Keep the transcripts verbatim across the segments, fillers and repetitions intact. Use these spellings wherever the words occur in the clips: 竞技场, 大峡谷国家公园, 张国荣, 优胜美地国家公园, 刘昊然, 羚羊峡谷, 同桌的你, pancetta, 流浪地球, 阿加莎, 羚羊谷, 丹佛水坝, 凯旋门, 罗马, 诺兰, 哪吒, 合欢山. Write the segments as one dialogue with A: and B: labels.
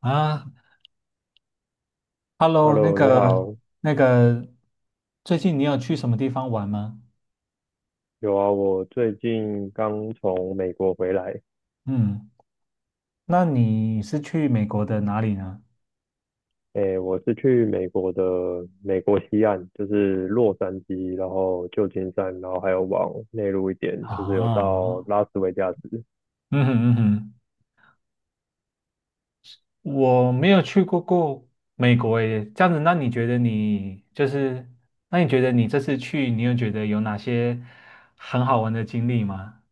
A: 啊，Hello,那
B: Hello，你
A: 个
B: 好。
A: 那个，最近你有去什么地方玩吗？
B: 有啊，我最近刚从美国回来。
A: 嗯，那你是去美国的哪里呢？
B: 诶，我是去美国的美国西岸，就是洛杉矶，然后旧金山，然后还有往内陆一点，就是有到
A: 啊，
B: 拉 斯维加斯。
A: 嗯哼嗯哼，我没有去过过美国耶。这样子，那你觉得你就是，那你觉得你这次去，你有觉得有哪些很好玩的经历吗？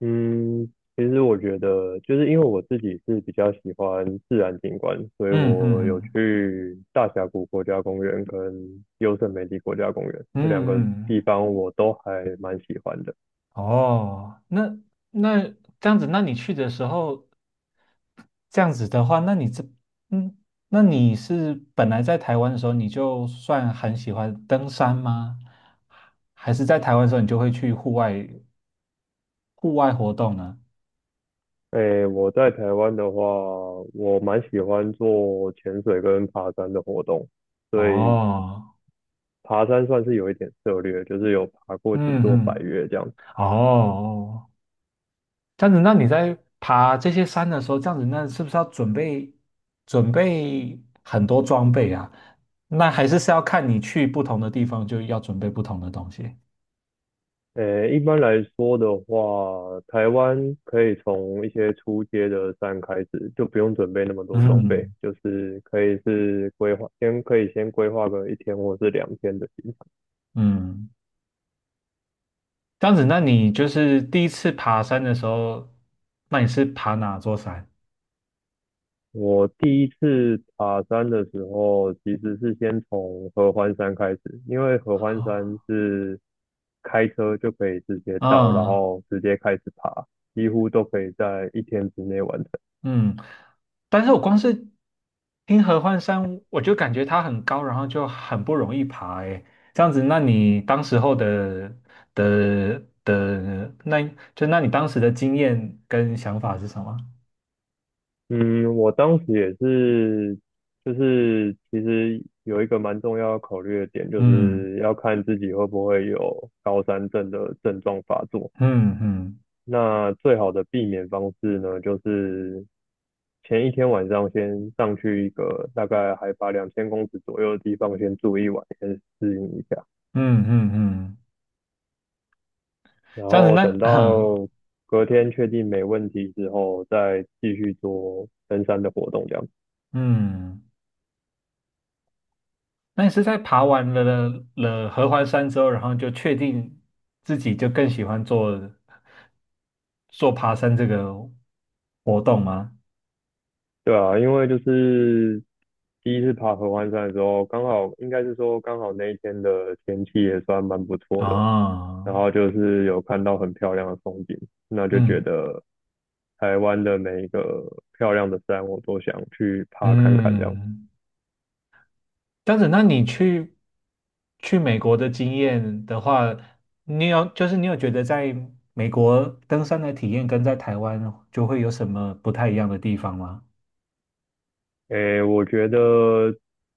B: 嗯，其实我觉得，就是因为我自己是比较喜欢自然景观，所以
A: 嗯嗯
B: 我有
A: 嗯
B: 去大峡谷国家公园跟优胜美地国家公园
A: 嗯
B: 这两个
A: 嗯，
B: 地
A: 嗯
B: 方，我都还蛮喜欢的。
A: 哦，那那这样子，那你去的时候。这样子的话，那你这，嗯，那你是本来在台湾的时候，你就算很喜欢登山吗？还是在台湾的时候，你就会去户外户外活动呢？
B: 诶，我在台湾的话，我蛮喜欢做潜水跟爬山的活动，所以
A: 哦，
B: 爬山算是有一点涉略，就是有爬过几
A: 嗯
B: 座百
A: 嗯，
B: 岳这样。
A: 哦，这样子，那你在爬这些山的时候，这样子，那是不是要准备准备很多装备啊？那还是是要看你去不同的地方，就要准备不同的东西。
B: 诶，一般来说的话，台湾可以从一些初阶的山开始，就不用准备那么多装备，
A: 嗯
B: 就是可以是规划，先可以先规划个一天或是两天的行程。
A: 嗯。这样子，那你就是第一次爬山的时候，那你是爬哪座山？
B: 我第一次爬山的时候，其实是先从合欢山开始，因为合欢山是开车就可以直接到，然
A: 啊、
B: 后直接开始爬，几乎都可以在一天之内完成。
A: 嗯嗯，但是我光是听合欢山，我就感觉它很高，然后就很不容易爬。诶，这样子，那你当时候的的的，那就那你当时的经验跟想法是什么？
B: 嗯，我当时也是，就是其实有一个蛮重要要考虑的点，就
A: 嗯
B: 是要看自己会不会有高山症的症状发作。
A: 嗯嗯
B: 那最好的避免方式呢，就是前一天晚上先上去一个大概海拔两千公尺左右的地方先住一晚，先适应一下，
A: 嗯嗯嗯，
B: 然
A: 这样子
B: 后
A: 那
B: 等 到隔天确定没问题之后，再继续做登山的活动这样。
A: 嗯。那你是在爬完了了合欢山之后，然后就确定自己就更喜欢做做爬山这个活动吗？
B: 对啊，因为就是第一次爬合欢山的时候，刚好应该是说刚好那一天的天气也算蛮不错的，然
A: 啊，
B: 后就是有看到很漂亮的风景，那就觉
A: 嗯
B: 得台湾的每一个漂亮的山，我都想去爬看看这样。
A: 嗯，这样子，那你去去美国的经验的话，你有就是你有觉得在美国登山的体验跟在台湾就会有什么不太一样的地方吗？
B: 诶，我觉得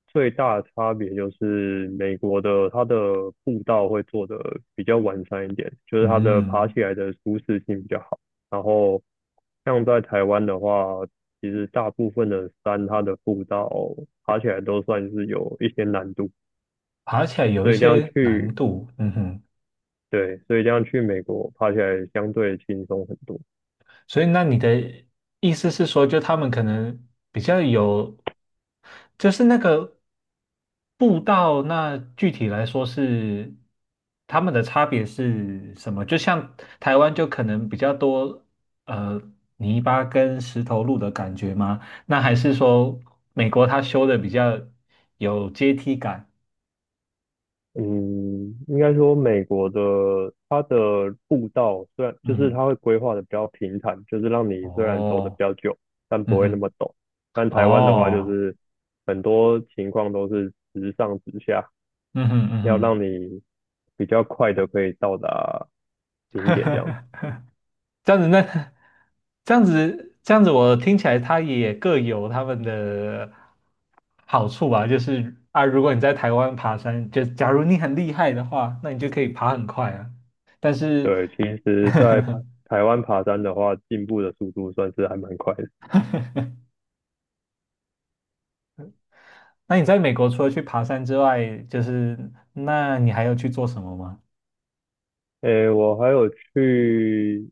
B: 最大的差别就是美国的它的步道会做的比较完善一点，就是它的爬
A: 嗯，
B: 起来的舒适性比较好。然后像在台湾的话，其实大部分的山它的步道爬起来都算是有一些难度，
A: 爬起来有一
B: 所以这样
A: 些难
B: 去，
A: 度，嗯哼。
B: 对，所以这样去美国爬起来相对轻松很多。
A: 所以，那你的意思是说，就他们可能比较有，就是那个步道，那具体来说是他们的差别是什么？就像台湾就可能比较多呃泥巴跟石头路的感觉吗？那还是说美国它修的比较有阶梯感？
B: 嗯，应该说美国的它的步道虽然就是
A: 嗯，
B: 它会规划的比较平坦，就是让你虽然走的比
A: 哦，
B: 较久，但
A: 嗯
B: 不会那么
A: 哼，
B: 陡。但台湾的话，就
A: 哦，
B: 是很多情况都是直上直下，
A: 嗯哼，
B: 要
A: 嗯
B: 让你比较快的可以到达顶点这样子。
A: 哼。这样子那 这样子这样子，我听起来它也各有他们的好处吧。就是啊，如果你在台湾爬山，就假如你很厉害的话，那你就可以爬很快啊。但是，
B: 对，其实在爬 台湾爬山的话，进步的速度算是还蛮快的。
A: 那你在美国除了去爬山之外，就是那你还要去做什么吗？
B: 诶，我还有去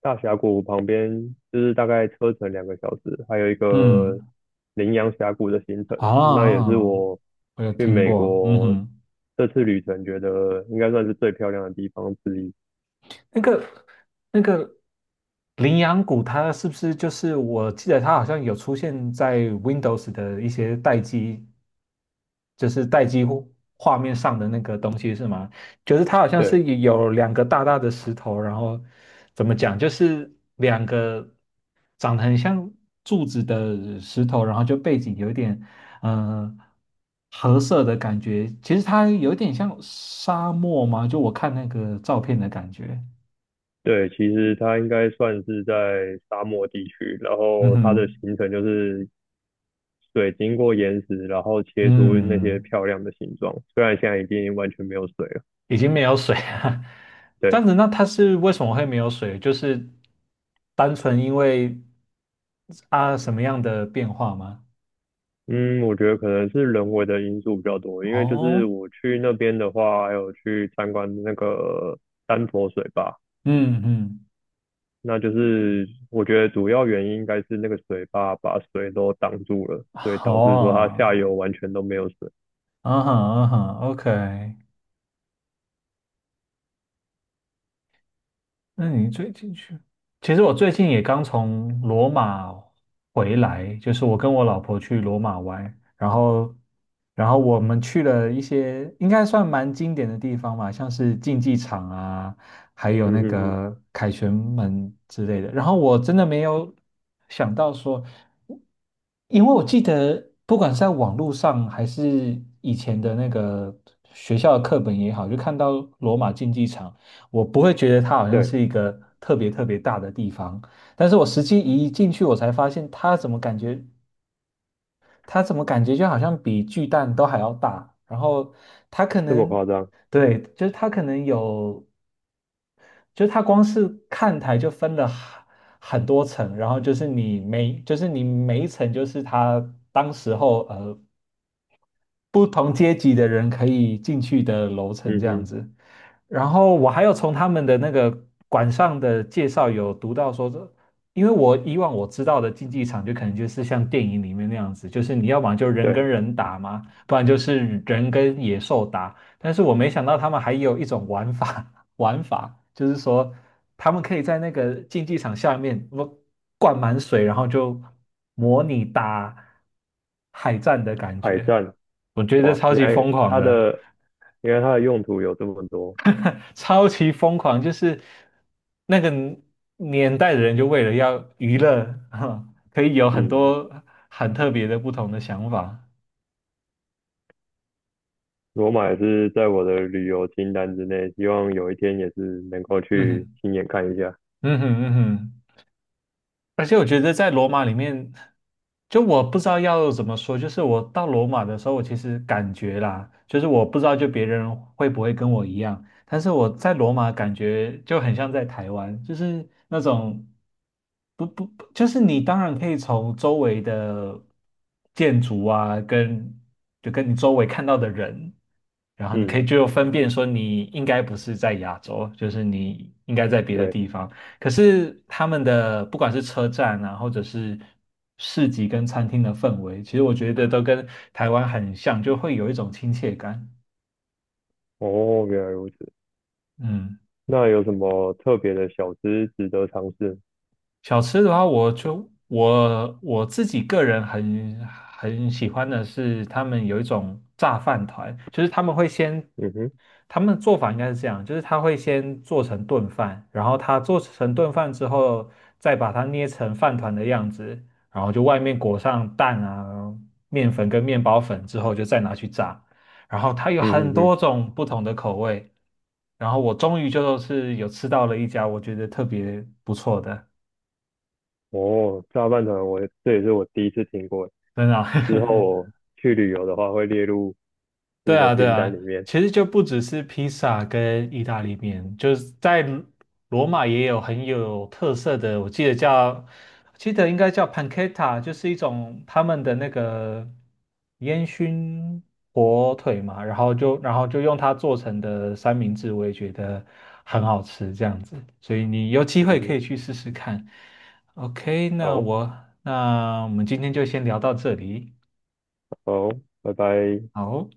B: 大峡谷旁边，就是大概车程两个小时，还有一个
A: 嗯，
B: 羚羊峡谷的行
A: 啊，
B: 程，
A: 哦
B: 那也是
A: 哦
B: 我
A: 我有
B: 去
A: 听
B: 美
A: 过，嗯
B: 国
A: 哼。
B: 这次旅程觉得应该算是最漂亮的地方之一。
A: 那个那个羚羊谷，它是不是就是我记得它好像有出现在 Windows 的一些待机，就是待机户画面上的那个东西是吗？就是它好像是
B: 对
A: 有两个大大的石头，然后怎么讲，就是两个长得很像柱子的石头，然后就背景有一点嗯、呃褐色的感觉，其实它有点像沙漠嘛，就我看那个照片的感觉，
B: 对，其实它应该算是在沙漠地区，然
A: 嗯
B: 后它的
A: 哼。
B: 行程就是水经过岩石，然后切出那些
A: 嗯，
B: 漂亮的形状，虽然现在已经完全没有水了。
A: 已经没有水了。这
B: 对。
A: 样子，那它是为什么会没有水？就是单纯因为啊什么样的变化吗？
B: 嗯，我觉得可能是人为的因素比较多，因为就是
A: 哦，
B: 我去那边的话，还有去参观那个丹佛水坝，
A: 嗯嗯，
B: 那就是我觉得主要原因应该是那个水坝把水都挡住了，所以导
A: 好
B: 致说它
A: 啊，
B: 下游完全都没有水。
A: 嗯哼嗯哼，OK。那你最近去？其实我最近也刚从罗马回来，就是我跟我老婆去罗马玩，然后，然后我们去了一些应该算蛮经典的地方吧，像是竞技场啊，还有
B: 嗯
A: 那
B: 哼哼，
A: 个凯旋门之类的。然后我真的没有想到说，因为我记得不管是在网络上还是以前的那个学校的课本也好，就看到罗马竞技场。我不会觉得它好像
B: 对，
A: 是一个特别特别大的地方，但是我实际一进去，我才发现它怎么感觉，它怎么感觉就好像比巨蛋都还要大，然后它可
B: 这么
A: 能，
B: 夸张。
A: 对，就是它可能有，就是它光是看台就分了很很多层，然后就是你每，就是你每一层就是它当时候呃不同阶级的人可以进去的楼层
B: 嗯
A: 这样
B: 哼，
A: 子。然后我还有从他们的那个馆上的介绍有读到说，这因为我以往我知道的竞技场就可能就是像电影里面那样子，就是你要么就人跟
B: 对，
A: 人打嘛，不然就是人跟野兽打。但是我没想到他们还有一种玩法，玩法就是说他们可以在那个竞技场下面不灌满水，然后就模拟打海战的感
B: 海
A: 觉。
B: 战，
A: 我觉得
B: 哇，
A: 超
B: 原
A: 级疯
B: 来
A: 狂
B: 它
A: 的，
B: 的原来它的用途有这么多。
A: 超级疯狂，就是那个年代的人就为了要娱乐，可以有很
B: 嗯，
A: 多很特别的不同的想法。
B: 罗马也是在我的旅游清单之内，希望有一天也是能够
A: 嗯
B: 去
A: 哼，
B: 亲眼看一下。
A: 嗯哼，嗯哼。而且我觉得在罗马里面，就我不知道要怎么说，就是我到罗马的时候，我其实感觉啦，就是我不知道就别人会不会跟我一样，但是我在罗马感觉就很像在台湾，就是那种不不，不就是你当然可以从周围的建筑啊，跟就跟你周围看到的人，然后你可以
B: 嗯。
A: 就分辨说你应该不是在亚洲，就是你应该在别的
B: 对，
A: 地方。可是他们的不管是车站啊，或者是市集跟餐厅的氛围，其实我觉得都跟台湾很像，就会有一种亲切感。
B: 哦，原来如此。
A: 嗯。
B: 那有什么特别的小吃值得尝试？
A: 小吃的话，我就我我自己个人很很喜欢的是，他们有一种炸饭团，就是他们会先，
B: 嗯哼，
A: 他们做法应该是这样，就是他会先做成炖饭，然后他做成炖饭之后，再把它捏成饭团的样子，然后就外面裹上蛋啊、面粉跟面包粉之后，就再拿去炸，然后它有
B: 嗯哼
A: 很
B: 哼，
A: 多种不同的口味，然后我终于就是有吃到了一家我觉得特别不错的。
B: 哦，炸饭团我也这也是我第一次听过，
A: 真的啊
B: 之后我 去旅游的话会列入吃
A: 对
B: 的
A: 啊，对
B: 清单
A: 啊，
B: 里面。
A: 其实就不只是披萨跟意大利面，就是在罗罗马也有很有特色的，我记得叫，记得应该叫 pancetta,就是一种他们的那个烟熏火腿嘛，然后就然后就用它做成的三明治，我也觉得很好吃，这样子，所以你有机
B: 嗯
A: 会可
B: 哼，
A: 以去试试看。OK,那
B: 好，
A: 我那我们今天就先聊到这里，
B: 好，拜拜。
A: 好。